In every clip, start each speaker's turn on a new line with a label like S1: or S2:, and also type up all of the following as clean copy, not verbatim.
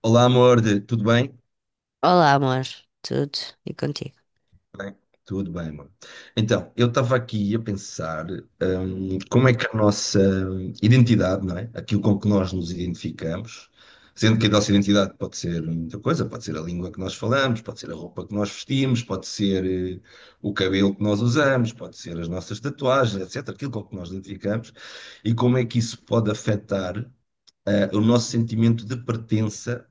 S1: Olá, amor, tudo bem?
S2: Olá, amor. Tudo e contigo?
S1: Bem, tudo bem, amor. Então, eu estava aqui a pensar, como é que a nossa identidade, não é? Aquilo com que nós nos identificamos, sendo que a nossa identidade pode ser muita coisa, pode ser a língua que nós falamos, pode ser a roupa que nós vestimos, pode ser, eh, o cabelo que nós usamos, pode ser as nossas tatuagens, etc. Aquilo com que nós identificamos, e como é que isso pode afetar, o nosso sentimento de pertença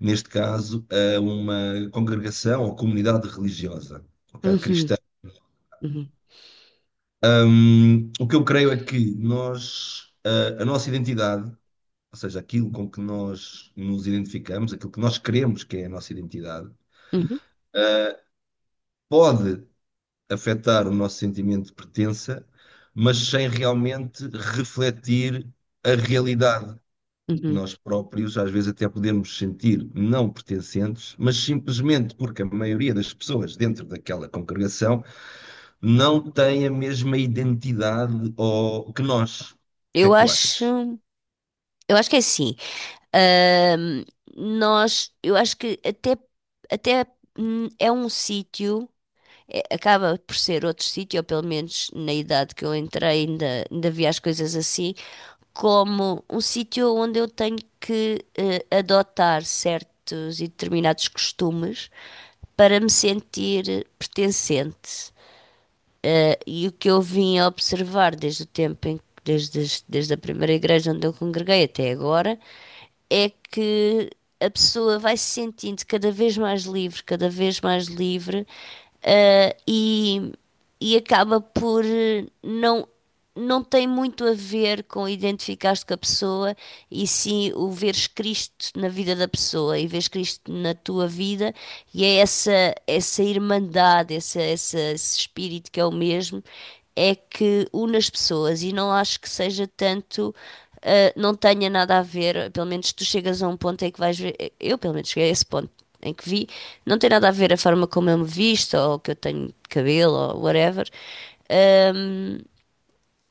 S1: neste caso, a uma congregação ou comunidade religiosa, ok?
S2: Uhum,
S1: Cristã.
S2: uhum,
S1: O que eu creio é que nós, a nossa identidade, ou seja, aquilo com que nós nos identificamos, aquilo que nós queremos que é a nossa identidade,
S2: uhum,
S1: pode afetar o nosso sentimento de pertença, mas sem realmente refletir a realidade.
S2: uhum.
S1: Nós próprios, às vezes, até podemos sentir não pertencentes, mas simplesmente porque a maioria das pessoas dentro daquela congregação não tem a mesma identidade ou, que nós. O que é
S2: Eu
S1: que tu achas?
S2: acho, eu acho que é assim. Ahm, eu acho que até é um sítio, acaba por ser outro sítio, ou pelo menos na idade que eu entrei, ainda vi as coisas assim, como um sítio onde eu tenho que adotar certos e determinados costumes para me sentir pertencente. E o que eu vim a observar desde o tempo em, desde, desde a primeira igreja onde eu congreguei até agora é que a pessoa vai se sentindo cada vez mais livre, cada vez mais livre, eh, e, e acaba por não. Não tem muito a ver com identificar-te com a pessoa e sim o veres Cristo na vida da pessoa e veres Cristo na tua vida, e é essa irmandade, esse espírito que é o mesmo é que une as pessoas e não acho que seja tanto, ah, não tenha nada a ver, pelo menos tu chegas a um ponto em que vais ver, eu pelo menos cheguei a esse ponto em que vi, não tem nada a ver a forma como eu me visto ou que eu tenho cabelo ou whatever. Ahm,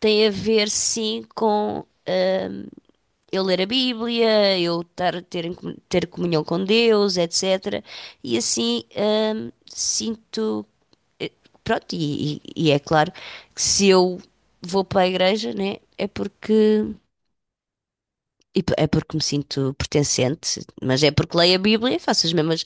S2: tem a ver sim com eu ler a Bíblia, eu estar, a ter, ter comunhão com Deus, etc. E assim, sinto. eh, Pronto, e é claro que se eu vou para a igreja, né, é porque. É porque me sinto pertencente, mas é porque leio a Bíblia e faço as mesmas,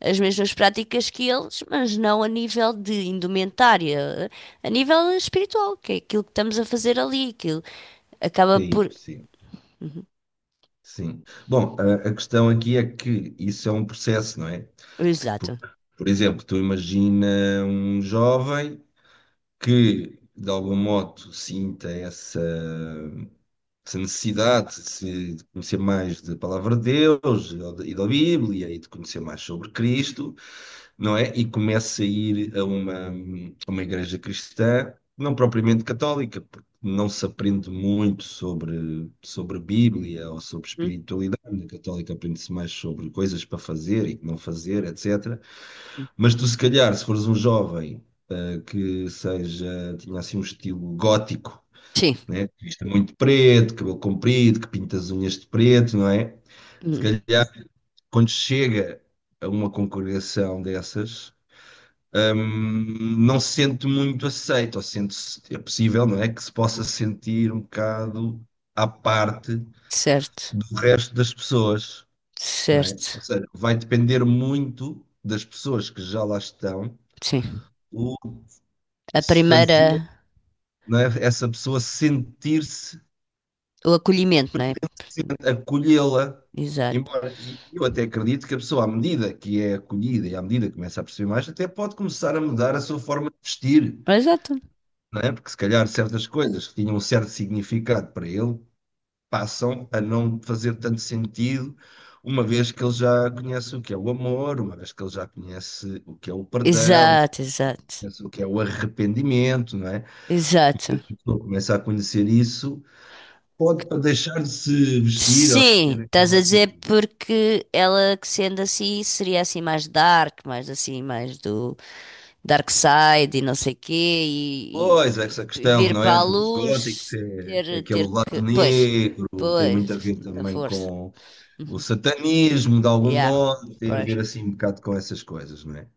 S2: as mesmas práticas que eles, mas não a nível de indumentária, a nível espiritual, que é aquilo que estamos a fazer ali, aquilo acaba por.
S1: Sim, sim,
S2: Uhum.
S1: sim. Bom, a questão aqui é que isso é um processo, não é? Por,
S2: Exato.
S1: por exemplo, tu imagina um jovem que, de algum modo, sinta essa necessidade de conhecer mais da palavra de Deus e da Bíblia e de conhecer mais sobre Cristo, não é? E começo a ir a uma igreja cristã, não propriamente católica, porque não se aprende muito sobre, sobre Bíblia ou sobre
S2: Uhum.
S1: espiritualidade. Na católica aprende-se mais sobre coisas para fazer e que não fazer, etc. Mas tu, se calhar, se fores um jovem que seja, tinha assim um estilo gótico,
S2: Sim.
S1: né? Vista muito preto, cabelo comprido, que pinta as unhas de preto, não é? Se
S2: Hum,
S1: calhar, quando chega a uma congregação dessas, hum, não se sente muito aceito, ou sente-se, é possível, não é? Que se possa sentir um bocado à parte
S2: certo,
S1: do resto das pessoas, não é?
S2: certo,
S1: Ou seja, vai depender muito das pessoas que já lá estão,
S2: sim.
S1: o
S2: A
S1: se
S2: primeira,
S1: fazer, não é? Essa pessoa sentir-se
S2: o acolhimento, não é?
S1: acolhê-la.
S2: Exato.
S1: Embora, e eu até acredito que a pessoa, à medida que é acolhida e à medida que começa a perceber mais, até pode começar a mudar a sua forma de vestir,
S2: Exato.
S1: não é? Porque se calhar certas coisas que tinham um certo significado para ele passam a não fazer tanto sentido, uma vez que ele já conhece o que é o amor, uma vez que ele já conhece o que é o perdão,
S2: Exato, exato,
S1: conhece o que é o arrependimento, não é?
S2: exato.
S1: Quando começa a conhecer isso, pode para deixar de se vestir ou de
S2: Sim,
S1: ter
S2: estás a
S1: aquela
S2: dizer
S1: atitude.
S2: porque ela que sendo assim seria assim mais dark, mais assim, mais do dark side e não sei quê, e,
S1: Pois, essa
S2: e
S1: questão,
S2: vir
S1: não
S2: para
S1: é?
S2: a
S1: Dos góticos,
S2: luz,
S1: é, é
S2: ter,
S1: aquele
S2: ter
S1: lado
S2: que. Pois,
S1: negro, tem muito a
S2: pois,
S1: ver
S2: da
S1: também
S2: força.
S1: com o
S2: Uhum.
S1: satanismo, de algum
S2: Yeah,
S1: modo, tem a
S2: pois.
S1: ver assim um bocado com essas coisas, não é?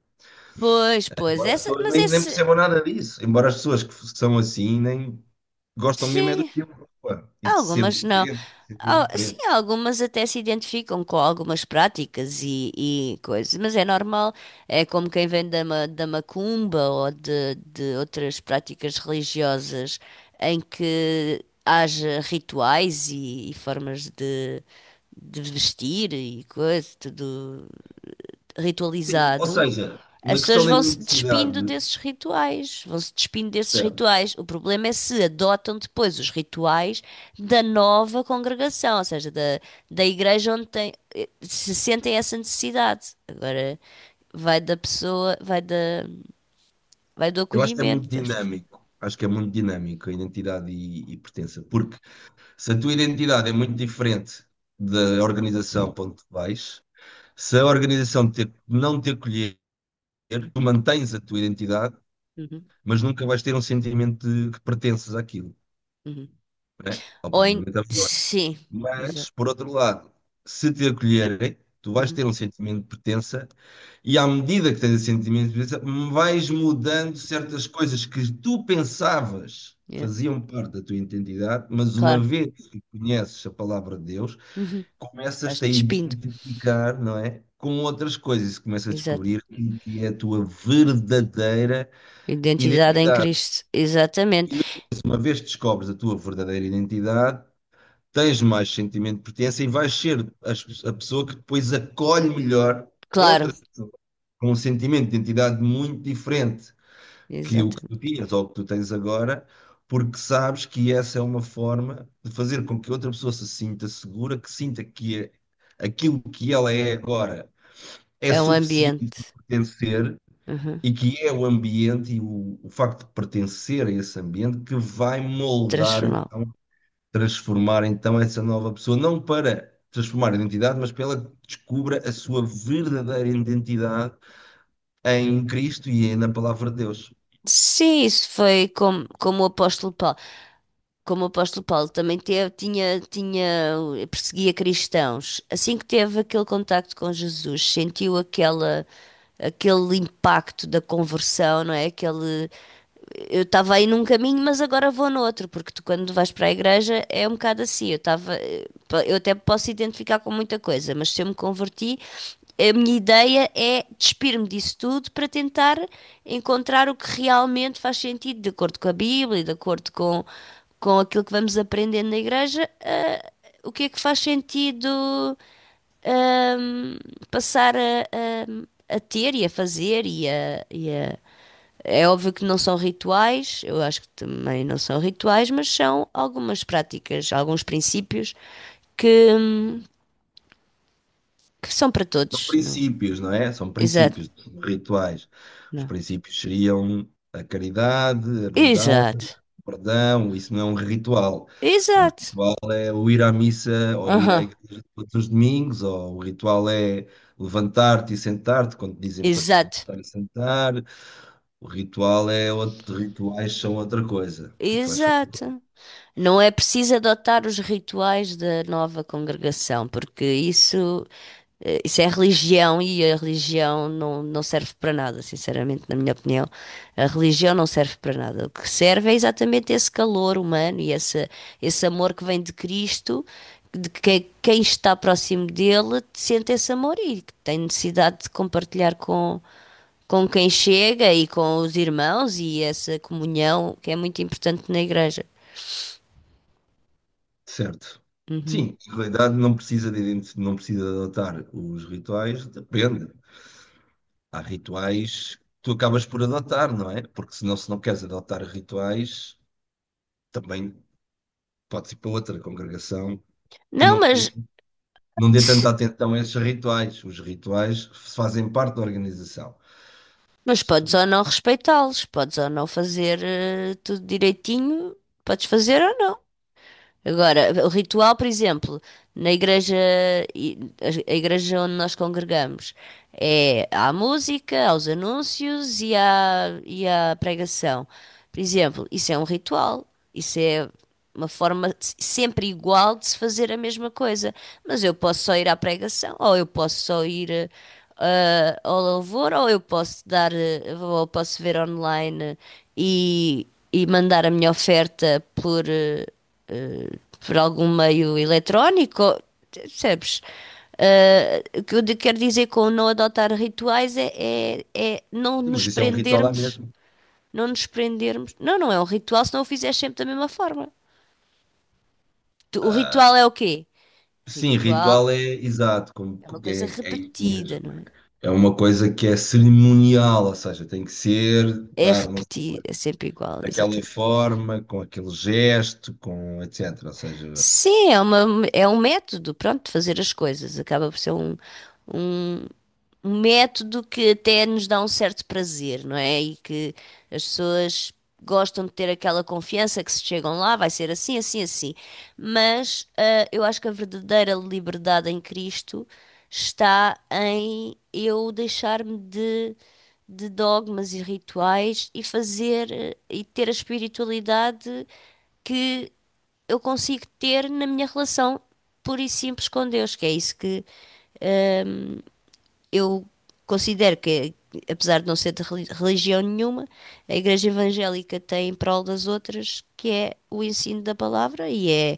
S2: Pois, pois,
S1: Embora as
S2: essa,
S1: pessoas
S2: mas
S1: nem, nem
S2: esse,
S1: percebam nada disso, embora as pessoas que são assim nem gostam mesmo é do
S2: sim,
S1: tempo pá, e de ser
S2: algumas não.
S1: diferente, de sentir
S2: Sim,
S1: diferente.
S2: algumas até se identificam com algumas práticas e coisas, mas é normal. É como quem vem da macumba ou de outras práticas religiosas em que haja rituais e formas de vestir e coisa, tudo
S1: Sim, ou
S2: ritualizado,
S1: seja, na
S2: as
S1: questão
S2: pessoas
S1: da
S2: vão-se despindo
S1: identidade,
S2: desses rituais, vão-se despindo desses
S1: certo,
S2: rituais. O problema é se adotam depois os rituais da nova congregação, ou seja, da igreja onde tem, se sentem essa necessidade. Agora vai da pessoa, vai da, vai do
S1: eu acho que é muito
S2: acolhimento, acho que sim.
S1: dinâmico. Acho que é muito dinâmico a identidade e pertença, porque se a tua identidade é muito diferente da organização para onde tu vais, se a organização te, não te acolher, tu mantens a tua identidade,
S2: Uhum,
S1: mas nunca vais ter um sentimento de que pertences àquilo,
S2: uhum.
S1: né? Ou
S2: Ou em,
S1: provavelmente à Fedora.
S2: sim, exato.
S1: Mas, por outro lado, se te acolherem, tu vais
S2: Uhum,
S1: ter um sentimento de pertença e à medida que tens esse sentimento de pertença, vais mudando certas coisas que tu pensavas
S2: yeah,
S1: faziam parte da tua identidade, mas uma
S2: claro.
S1: vez que conheces a palavra de Deus,
S2: Uhum. Vais
S1: começas-te a
S2: despindo,
S1: identificar, não é? Com outras coisas, e começas a
S2: exato.
S1: descobrir o que é a tua verdadeira
S2: Identidade em
S1: identidade.
S2: Cristo, exatamente.
S1: E depois, uma vez que descobres a tua verdadeira identidade, tens mais sentimento de pertença e vais ser a pessoa que depois acolhe melhor
S2: Claro.
S1: outras pessoas com um sentimento de identidade muito diferente que o que tu
S2: Exatamente.
S1: tinhas ou que tu tens agora, porque sabes que essa é uma forma de fazer com que outra pessoa se sinta segura, que sinta aquilo que ela é agora é
S2: É um
S1: suficiente
S2: ambiente,
S1: para pertencer
S2: uhum,
S1: e que é o ambiente e o facto de pertencer a esse ambiente que vai moldar,
S2: transformá.
S1: então, transformar então essa nova pessoa, não para transformar a identidade, mas para ela que descubra a sua verdadeira identidade em Cristo e na palavra de Deus.
S2: Sim, isso foi como o apóstolo Paulo. Como o apóstolo Paulo também teve, tinha, perseguia cristãos. Assim que teve aquele contacto com Jesus, sentiu aquela, aquele impacto da conversão, não é? Aquele, eu estava aí num caminho, mas agora vou no outro, porque tu, quando vais para a igreja, é um bocado assim. Eu estava, eu até posso identificar com muita coisa, mas se eu me converti, a minha ideia é despir-me disso tudo para tentar encontrar o que realmente faz sentido, de acordo com a Bíblia, e de acordo com aquilo que vamos aprendendo na igreja, o que é que faz sentido, ahm, passar a ter e a fazer É óbvio que não são rituais, eu acho que também não são rituais, mas são algumas práticas, alguns princípios que, hum, que são para
S1: São
S2: todos. Não.
S1: princípios, não é? São
S2: Exato,
S1: princípios, são rituais. Os
S2: não.
S1: princípios seriam a caridade, a bondade,
S2: Exato,
S1: o perdão, isso não é um ritual. Um
S2: exato,
S1: o ir à missa ou ir à
S2: aham,
S1: igreja todos os domingos, ou o ritual é levantar-te e sentar-te, quando te dizem para te
S2: exato,
S1: levantar e sentar, o ritual é outro, rituais são outra coisa. Rituais são outra coisa.
S2: exato. Não é preciso adotar os rituais da nova congregação, porque isso isso é religião e a religião não, não serve para nada, sinceramente, na minha opinião. A religião não serve para nada. O que serve é exatamente esse calor humano e esse amor que vem de Cristo, de que quem está próximo dele sente esse amor e que tem necessidade de compartilhar com quem chega e com os irmãos e essa comunhão que é muito importante na igreja.
S1: Certo.
S2: Uhum.
S1: Sim, na realidade não precisa de, não precisa de adotar os rituais, depende. Há rituais que tu acabas por adotar, não é? Porque senão, se não queres adotar rituais, também podes ir para outra congregação que
S2: Não,
S1: não tem
S2: mas.
S1: não dê tanta atenção a esses rituais. Os rituais fazem parte da organização.
S2: Mas
S1: Se
S2: podes
S1: tu-
S2: ou não respeitá-los, podes ou não fazer tudo direitinho, podes fazer ou não. Agora, o ritual, por exemplo, na igreja, a igreja onde nós congregamos, é à música, aos anúncios e à pregação. Por exemplo, isso é um ritual, isso é uma forma sempre igual de se fazer a mesma coisa. Mas eu posso só ir à pregação, ou eu posso só ir ao louvor, ou eu posso dar, ou posso ver online e, e mandar a minha oferta por. Eh, por algum meio eletrónico, ou- percebes? Ah, o que eu quero dizer com não adotar rituais é, é, é não
S1: Sim,
S2: nos
S1: mas isso é um ritual lá
S2: prendermos,
S1: mesmo.
S2: não nos prendermos. Não, não é um ritual se não o fizeres sempre da mesma forma. O ritual é o quê?
S1: Sim,
S2: Ritual
S1: ritual é exato, como,
S2: é uma
S1: como
S2: coisa
S1: é, é isso
S2: repetida,
S1: mesmo.
S2: não é?
S1: É uma coisa que é cerimonial, ou seja, tem que ser,
S2: É
S1: dar não sei,
S2: repetido,
S1: quanto,
S2: é sempre igual,
S1: daquela
S2: exatamente.
S1: forma, com aquele gesto, com etc. Ou seja,
S2: Sim, é uma, é um método, pronto, de fazer as coisas. Acaba por ser um, um método que até nos dá um certo prazer, não é? E que as pessoas gostam de ter aquela confiança que se chegam lá, vai ser assim, assim, assim. Mas ah, eu acho que a verdadeira liberdade em Cristo está em eu deixar-me de dogmas e rituais e fazer e ter a espiritualidade que eu consigo ter na minha relação pura e simples com Deus, que é isso que eu considero que, apesar de não ser de religião nenhuma, a Igreja Evangélica tem em prol das outras, que é o ensino da palavra e é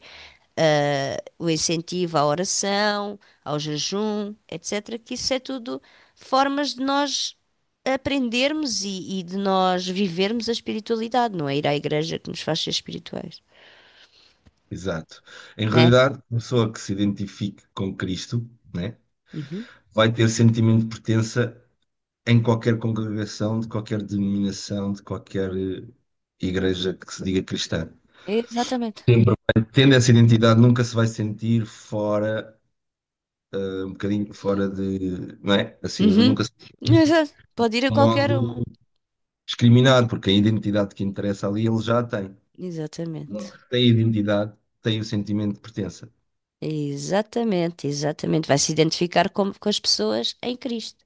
S2: o incentivo à oração, ao jejum, etc. Que isso é tudo formas de nós aprendermos e de nós vivermos a espiritualidade, não é ir à igreja que nos faz ser espirituais,
S1: exato. Em
S2: né?
S1: realidade, a pessoa que se identifique com Cristo, né,
S2: Uhum.
S1: vai ter sentimento de pertença em qualquer congregação, de qualquer denominação, de qualquer igreja que se diga cristã.
S2: Exatamente.
S1: Sempre vai- Tendo essa identidade, nunca se vai sentir fora, um bocadinho fora de, não é? Assim, nunca
S2: Uhum.
S1: se sente
S2: Exato. Pode ir a
S1: de
S2: qualquer uma.
S1: modo discriminado, porque a identidade que interessa ali ele já a tem.
S2: Exatamente.
S1: Tem a identidade, tem o sentimento de pertença.
S2: Exatamente, exatamente. Vai se identificar com as pessoas em Cristo.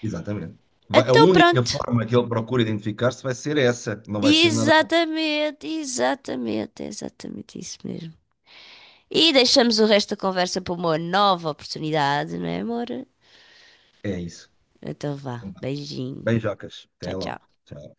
S1: Exatamente. A
S2: Então
S1: única
S2: pronto.
S1: forma que ele procura identificar-se vai ser essa, não vai ser nada.
S2: Exatamente, exatamente, é exatamente isso mesmo. E deixamos o resto da conversa para uma nova oportunidade, não é, amor?
S1: É isso.
S2: Então vá. Beijinho.
S1: Beijocas. Até
S2: Tchau,
S1: logo.
S2: tchau.
S1: Tchau.